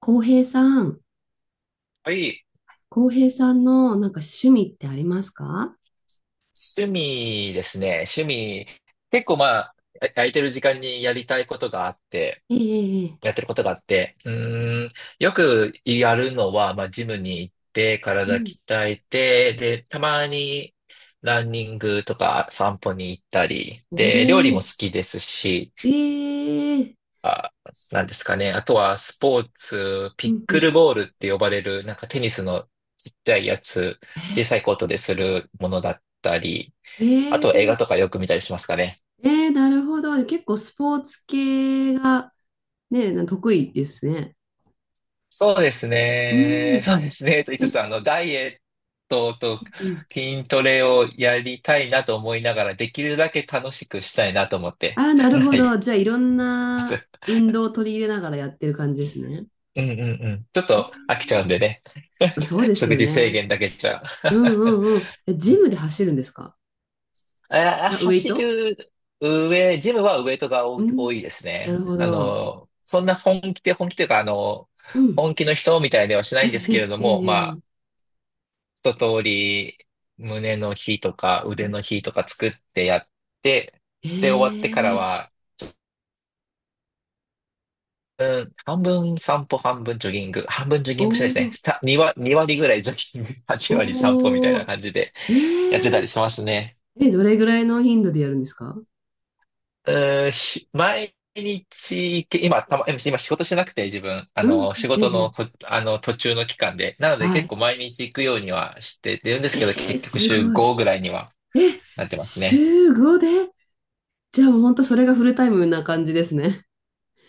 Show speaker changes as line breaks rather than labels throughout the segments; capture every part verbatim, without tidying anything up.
浩平さん、
はい。
浩平さんのなんか趣味ってありますか？
趣味ですね。趣味。結構まあ、あ空いてる時間にやりたいことがあって、
ええ
や
ええ、
ってることがあって、うーん、よくやるのは、まあ、ジムに行って、
う
体
ん。
鍛えて、で、たまにランニングとか散歩に行ったり、
お
で、料理も好
お、
きですし、
ええ、
あ、なんですかね。あとはスポーツ、ピ
う
ッ
んう
ク
ん。
ルボールって呼ばれる、なんかテニスのちっちゃいやつ、小さいコートでするものだったり、あ
え
と映
え
画とかよく見たりしますかね。
ええ、なるほど。結構スポーツ系が、ね、な得意ですね。
そうです
う
ね。
ん。
そうですね。と言いつ
え、
つ、あの、ダイエットと
うん。
筋トレをやりたいなと思いながら、できるだけ楽しくしたいなと思って。
ああ、な
な
る
んか、
ほど。じゃあ、いろんな運動を取り入れながらやってる感じですね。
うんうんうん。ちょっ
え
と飽きち
え、
ゃうんでね。
そう です
食
よ
事制
ね。
限だけじゃ。
うんうんうん。え、
う
ジ
ん。
ムで走るんですか？
え
あ、ウェイ
走
ト。
る上、ジムはウエイトが
う
多
ん。
多いです
な
ね。
るほ
あ
ど。
の、そんな本気で、本気というか、あの、
うん。
本気の人みたいではし ないんですけれ
え
ど
え
も、ま
ええ
一通り胸の日とか腕の日とか作ってやって、で、終わってか
え
ら
え、
は、うん、半分散歩、半分ジョギング、半分ジョギ
お
ングもしないですね。
お、
さに割、に割ぐらいジョギング、はち割散歩みたいな
お
感じでやって
ー、
た
え、
りしますね。
ええ、どれぐらいの頻度でやるんですか？
うん、し毎日、今、たま、今仕事してなくて自分、あ
うん、
の、仕
え
事の
え、
と、あの、途中の期間で。なので
は
結
い。
構毎日行くようにはしてるんですけど、
ええ、
結局
す
週
ごい。
ごぐらいには
え、
なってますね。
週ごで、じゃあもう本当それがフルタイムな感じですね。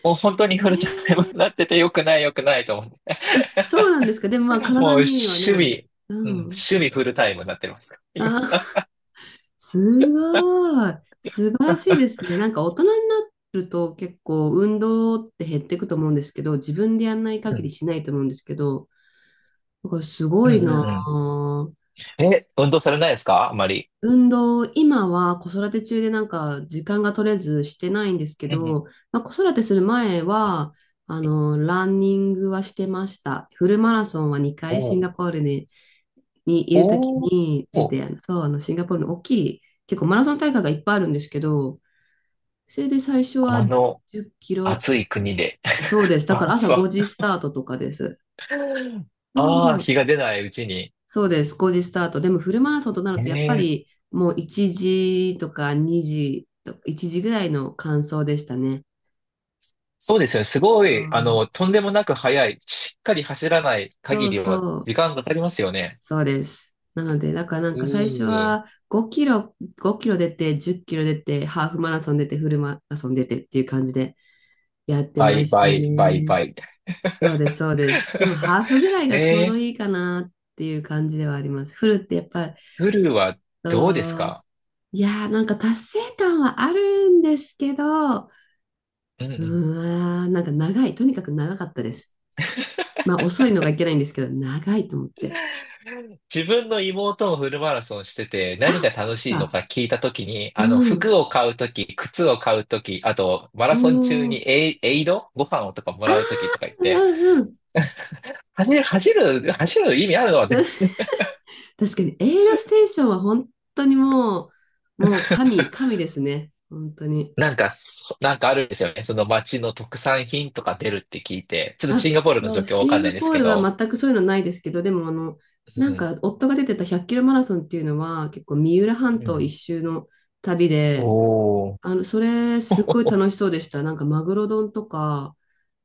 もう本当にフルタイムになってて、良くない良くないと思って。
そうなんですか。でもまあ
もう
体
守
にはね、
備、うん、
う
守
ん。
備フルタイムになってますから
あ、
今。
すごい。素晴らしいですね。なんか大人になると結構運動って減っていくと思うんですけど、自分でやんない
う
限り
ん。
しないと思うんですけど、だからす
う
ごい
ん
な
うんう
あ。
ん。え、運動されないですか、あまり。
運動、今は子育て中でなんか時間が取れずしてないんですけ
うんうん
ど、まあ、子育てする前は、あの、ランニングはしてました。フルマラソンは2
お
回シン
う
ガポールに、にいるとき
おう、
に出
おう、
て、あの、そう、あの、シンガポールの大きい、結構マラソン大会がいっぱいあるんですけど、それで最初は
あの
じゅっキロ、
暑い国で。
そうで す。だ
ま
か
あ、
ら朝
そ
5
う。
時スタートとかです。そ
ああ、
う、
日が出ないうちに。
そうです、ごじスタート。でもフルマラソンとなる
え
と、やっぱ
え、
りもういちじとかにじとかいちじぐらいの完走でしたね。
そうですよね。すごい、あ
そ
の、とんでもなく速い。しっかり走らない
うそ
限
う
りは
そう、
時間がかかりますよね。
そうです。なので、だからなん
う
か最初
ー、
はごキロ、ごキロ出て、じゅっキロ出て、ハーフマラソン出て、フルマラソン出てっていう感じでやってま
倍、
した
倍、倍、
ね。
倍。
そうです、そうです。でもハーフぐらいがちょうど
ええ、
いいかなっていう感じではあります。フルってやっぱり、
フルはどうです
そう、
か。
いやー、なんか達成感はあるんですけど、う
うんう
ー
ん。
ん、なんか長い、とにかく長かったです。まあ遅いのがいけないんですけど、長いと思って。
自分の妹もフルマラソンしてて、
あ、
何
本
が
当で
楽
す
しいの
か。
か聞いたときに、あの、
うん。
服を買うとき、靴を買うとき、あと、マラ
お
ソン中
ー、
にエイ、エイドご飯をとかも
あー、
らうときとか言って、
うんうん。
走る、走る、走る意味あるのね。
確かに、エイドステーションは本当にもう、もう神、神ですね。本当に。
なんか、そなんかあるんですよね。その街の特産品とか出るって聞いて、ちょっと
あ、
シンガポールの
そ
状
う、
況わ
シ
か
ン
んな
ガ
いです
ポー
け
ルは
ど、
全くそういうのないですけど、でもあの、
う
なん
ん、
か夫が出てたひゃっキロマラソンっていうのは、結構三浦
う
半島一
ん。
周の旅で、
おお。
あの、それ、すっごい 楽しそうでした。なんか、マグロ丼とか、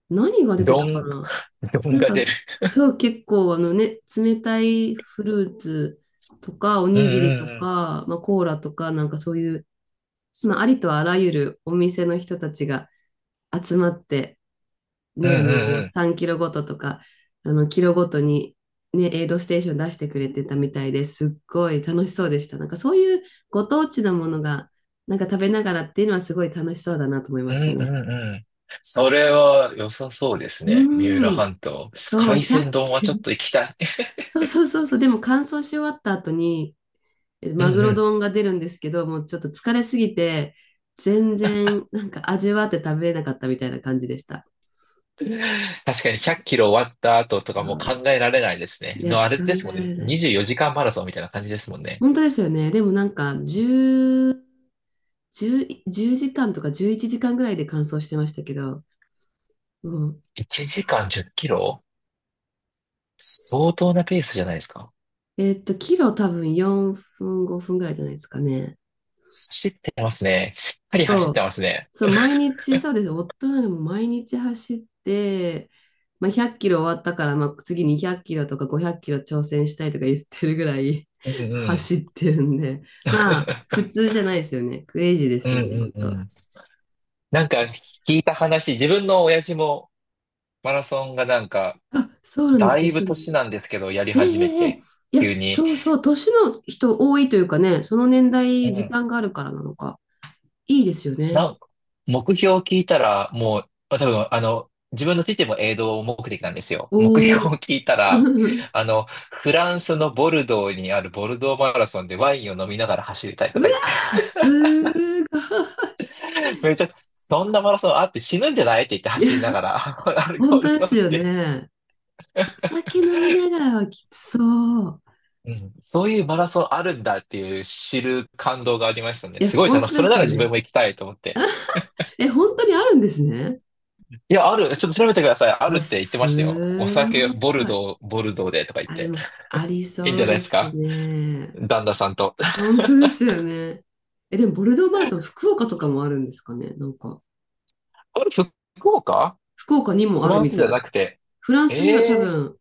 何が出て
ど
たか
ん、
な。
どん
なん
が
か、
出る。
そう、結構、あのね、冷たいフルーツとか、お
うん
にぎ
う
りと
んうん。
か、まあ、コーラとか、なんかそういう、まあ、ありとあらゆるお店の人たちが集まって、
うん
ね、あの、
うん
さんキロごととか、あの、キロごとに、ね、エイドステーション出してくれてたみたいですっごい楽しそうでした。なんか、そういうご当地のものが、なんか食べながらっていうのはすごい楽しそうだなと思い
う
まし
ん
た
う
ね。
んうん。それは良さそうですね。三浦
うん。
半島。
そう、
海鮮
ひゃく
丼は
球。
ちょっ と行きたい。
そうそうそうそう。でも乾燥し終わった後に、え
う
マ
ん
グ
う
ロ
ん。
丼が出るんですけど、もうちょっと疲れすぎて、全然なんか味わって食べれなかったみたいな感じでした。
確かにひゃっキロ終わった後とか
そ
もう考
う、
えられないですね。
いや、
の
考
あれです
え
も
ら
んね。
れない。
にじゅうよじかんマラソンみたいな感じですもんね。
本当ですよね。でもなんかじゅう、いちじかんとかじゅういちじかんぐらいで乾燥してましたけど、うん。
いちじかんじゅっキロ、相当なペースじゃないですか。
えっと、キロ多分よんぷん、ごふんぐらいじゃないですかね。
走ってますね。しっかり走
そ
って
う、
ますね。
そう、毎日、そうです。夫なんかもう毎日走って、まあ、ひゃっキロ終わったから、まあ、次にひゃっキロとかごひゃっキロ挑戦したいとか言ってるぐらい
うん うん。
走ってるんで、まあ、普 通じゃないですよね。クレイジーで
う
すよね、本
んうんう
当。
ん。なんか聞いた話、自分の親父もマラソンがなんか、
あ、そうなんです
だ
か、
いぶ
趣
年
味。
なんですけど、やり
え
始め
えええ、
て、
いや、
急に。
そうそう、年の人多いというかね、その年
う
代、時
ん。
間があるからなのか、いいですよね。
なん目標を聞いたら、もう、あ多分、あの、自分の父も営農目的なんですよ。目
おお。
標を聞いたら、あの、フランスのボルドーにあるボルドーマラソンでワインを飲みながら走りたい
う
と
わ
か言って、
ー、すーご
めっちゃ、そんなマラソンあって死ぬんじゃないって言って、走りな
い。
がら、アルコ
本
ー
当
ル
で
飲
す
ん
よ
で。
ね。お酒飲みながらはきつそう。
うん、そういうマラソンあるんだっていう知る感動がありましたね。
いや、
すごい
本
楽し
当
い。そ
で
れ
す
なら
よ
自
ね。
分も行きたいと思って。
え、本当にあるんですね。
いや、ある。ちょっと調べてください。あ
う
る
わ、
って言ってましたよ。お
す
酒、
ごい。
ボルドー、ボルドーでとか言っ
あ、で
て。
も、あり
いいん
そ
じゃ
う
ないで
で
す
す
か、
ね。
旦那さんと。あ
本当ですよね。え、でも、ボルドーマラソン、福岡とかもあるんですかね。なんか、
れ、福岡、
福岡にも
フ
あ
ラ
る
ン
み
スじゃ
たい。
なくて。
フランスには多
ええー、
分、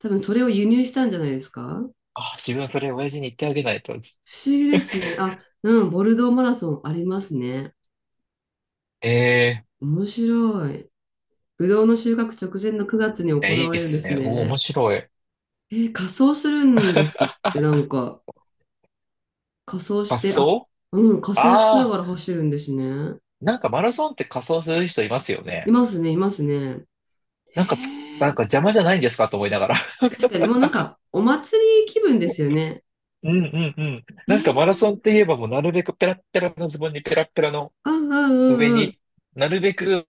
多分それを輸入したんじゃないですか。
あ、自分はそれ親父に言ってあげないと。
不思議ですね。あ、うん、ボルドーマラソンありますね。
ええー、
面白い。ぶどうの収穫直前のくがつに行
いやいい
わ
で
れるんで
す
す
ね。お、面
ね。
白い。
えー、仮装するんですって。なんか、仮装して、あ、
仮
うん、仮装しな
装、あ
がら
あ
走るんですね。
ー、なんかマラソンって仮装する人いますよ
い
ね。
ますね、いますね。え
なんかつ、な
ー、
んか邪魔じゃないんですかと思いながら。
確かに、もうなん か、お祭り気分ですよね。
うんうんうん。
え
なんかマラソン
ー、
って言えば、もうなるべくペラッペラのズボンにペラッペラの
うんうんう
上
んうん。
になるべく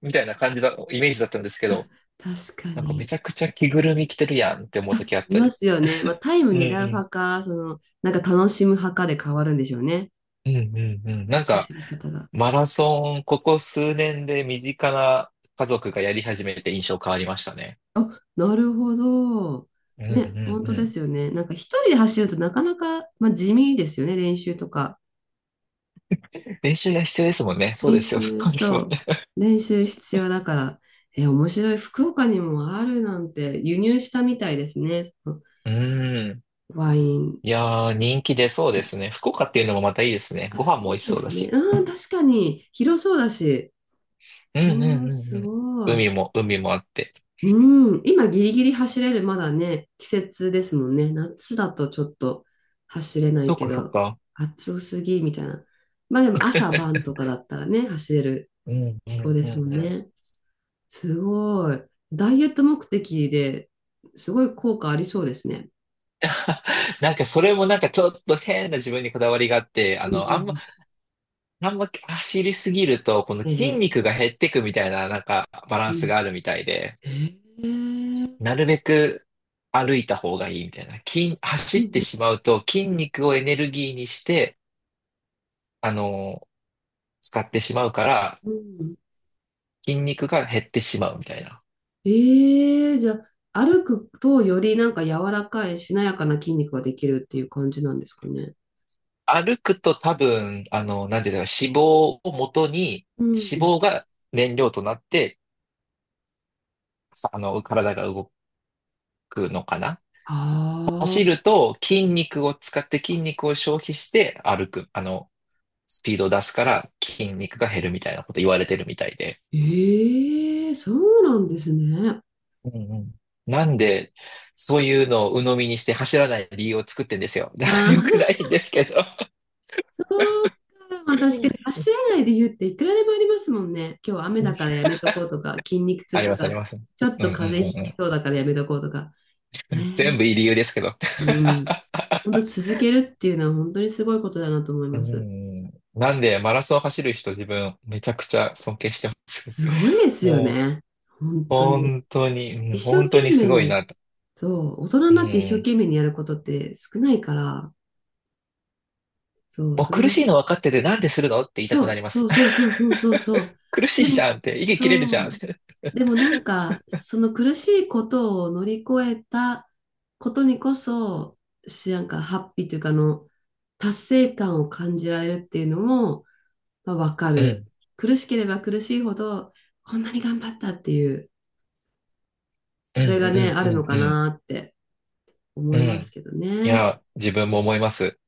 みたいな感じだ、イメージだったんですけど、
確か
なんかめ
に。
ちゃくちゃ着ぐるみ着てるやんって思う時あっ
い
た
ま
り。
すよね。まあ、タイム
うんう
狙う
ん。
派か、その、なんか楽しむ派かで変わるんでしょうね。
うんうんうん。なんか、
走り方が。
マラソン、ここ数年で身近な家族がやり始めて印象変わりましたね。
あ、なるほど。
うん
ね、
う
本
ん
当で
う
すよね。なんか一人で走るとなかなか、まあ、地味ですよね、練習とか。
ん。練習が必要ですもんね。そう
練
ですよ。
習、
そうですもん
そ
ね。
う。練習必要だから。え、面白い。福岡にもあるなんて輸入したみたいですね。その
うん。
ワイン。
いやー、人気出そうですね。福岡っていうのもまたいいですね。
あ、
ご飯も
い
美味
い
し
で
そうだ
すね。
し。
あー、確かに広そうだし。
うんうん
おー、
うん
す
うん。
ごい。
海も、海もあって。
うん、今ギリギリ走れる、まだね、季節ですもんね。夏だとちょっと走れない
そっ
け
かそっ
ど、
か。
暑すぎみたいな。まあでも朝晩とかだったらね、走れる
うんう
気候
ん
で
うん
すもん
うん。
ね。すごい。ダイエット目的で、すごい効果ありそうですね。
なんかそれもなんかちょっと変な自分にこだわりがあって、あ
うんう
の、あんま、
ん
あんま走りすぎると、この
うん。え
筋
え。
肉が減ってくみたいな、なんかバラ
う
ンス
ん。
があるみたいで、
ええ。
なるべく歩いた方がいいみたいな。筋、
う
走
ん
って
う
し
ん
まうと筋肉をエネルギーにして、あの、使ってしまうから、
うんうん、
筋肉が減ってしまうみたいな。
ええ、じゃあ、歩くとよりなんか柔らかいしなやかな筋肉ができるっていう感じなんですかね。
歩くと多分、あの、なんていうか、脂肪を元に、
う
脂
ん。
肪が燃料となって、あの、体が動くのかな。
あ
走
あ、
ると筋肉を使って筋肉を消費して、歩く、あの、スピードを出すから筋肉が減るみたいなこと言われてるみたいで。
ええ、そうなんですね。
うんうん。なんで、そういうのを鵜呑みにして走らない理由を作ってんですよ。だから
ああ。
良くないんですけど。
まあ確かに足 洗いで言うっていくらでもありますもんね。今日雨だからやめとこうとか、筋肉
あ
痛
り
と
ます、あり
か、
ます。うん
ちょっ
う
と
ん
風邪
う
ひき
ん
そうだからやめとこうとか。
うん。全
ね
部いい理由ですけど。
え。うん。本当続けるっていうのは本当にすごいことだなと思い
う
ます。
ん、なんで、マラソン走る人、自分めちゃくちゃ尊敬してます。
すごいですよ
もう、
ね。本当に。
本当に、う
一
ん、
生
本当
懸
にす
命
ごい
に、
な。
そう、大人
う
になって一生
ん。
懸命にやることって少ないから、そ
もう
う、そ
苦
れ、
しいの分かっててなんでするのって言いたく
そ
な
う
りま
そ
す。
う そうそうそうそうそ
苦し
う。
い
で
じ
も、
ゃんって、息切れるじゃ
そ
んっ
う。
て。
でもなんか、その苦しいことを乗り越えたことにこそ、し、なんかハッピーというか、あの、達成感を感じられるっていうのも、まあ、わか
うん、
る。苦しければ苦しいほど、こんなに頑張ったっていう、
うん、
そ
う
れ
ん、
がね、あ
う
るの
ん、
か
う
なって
ん。
思
う
い
ん。
ますけど
い
ね。
や、自分も思います。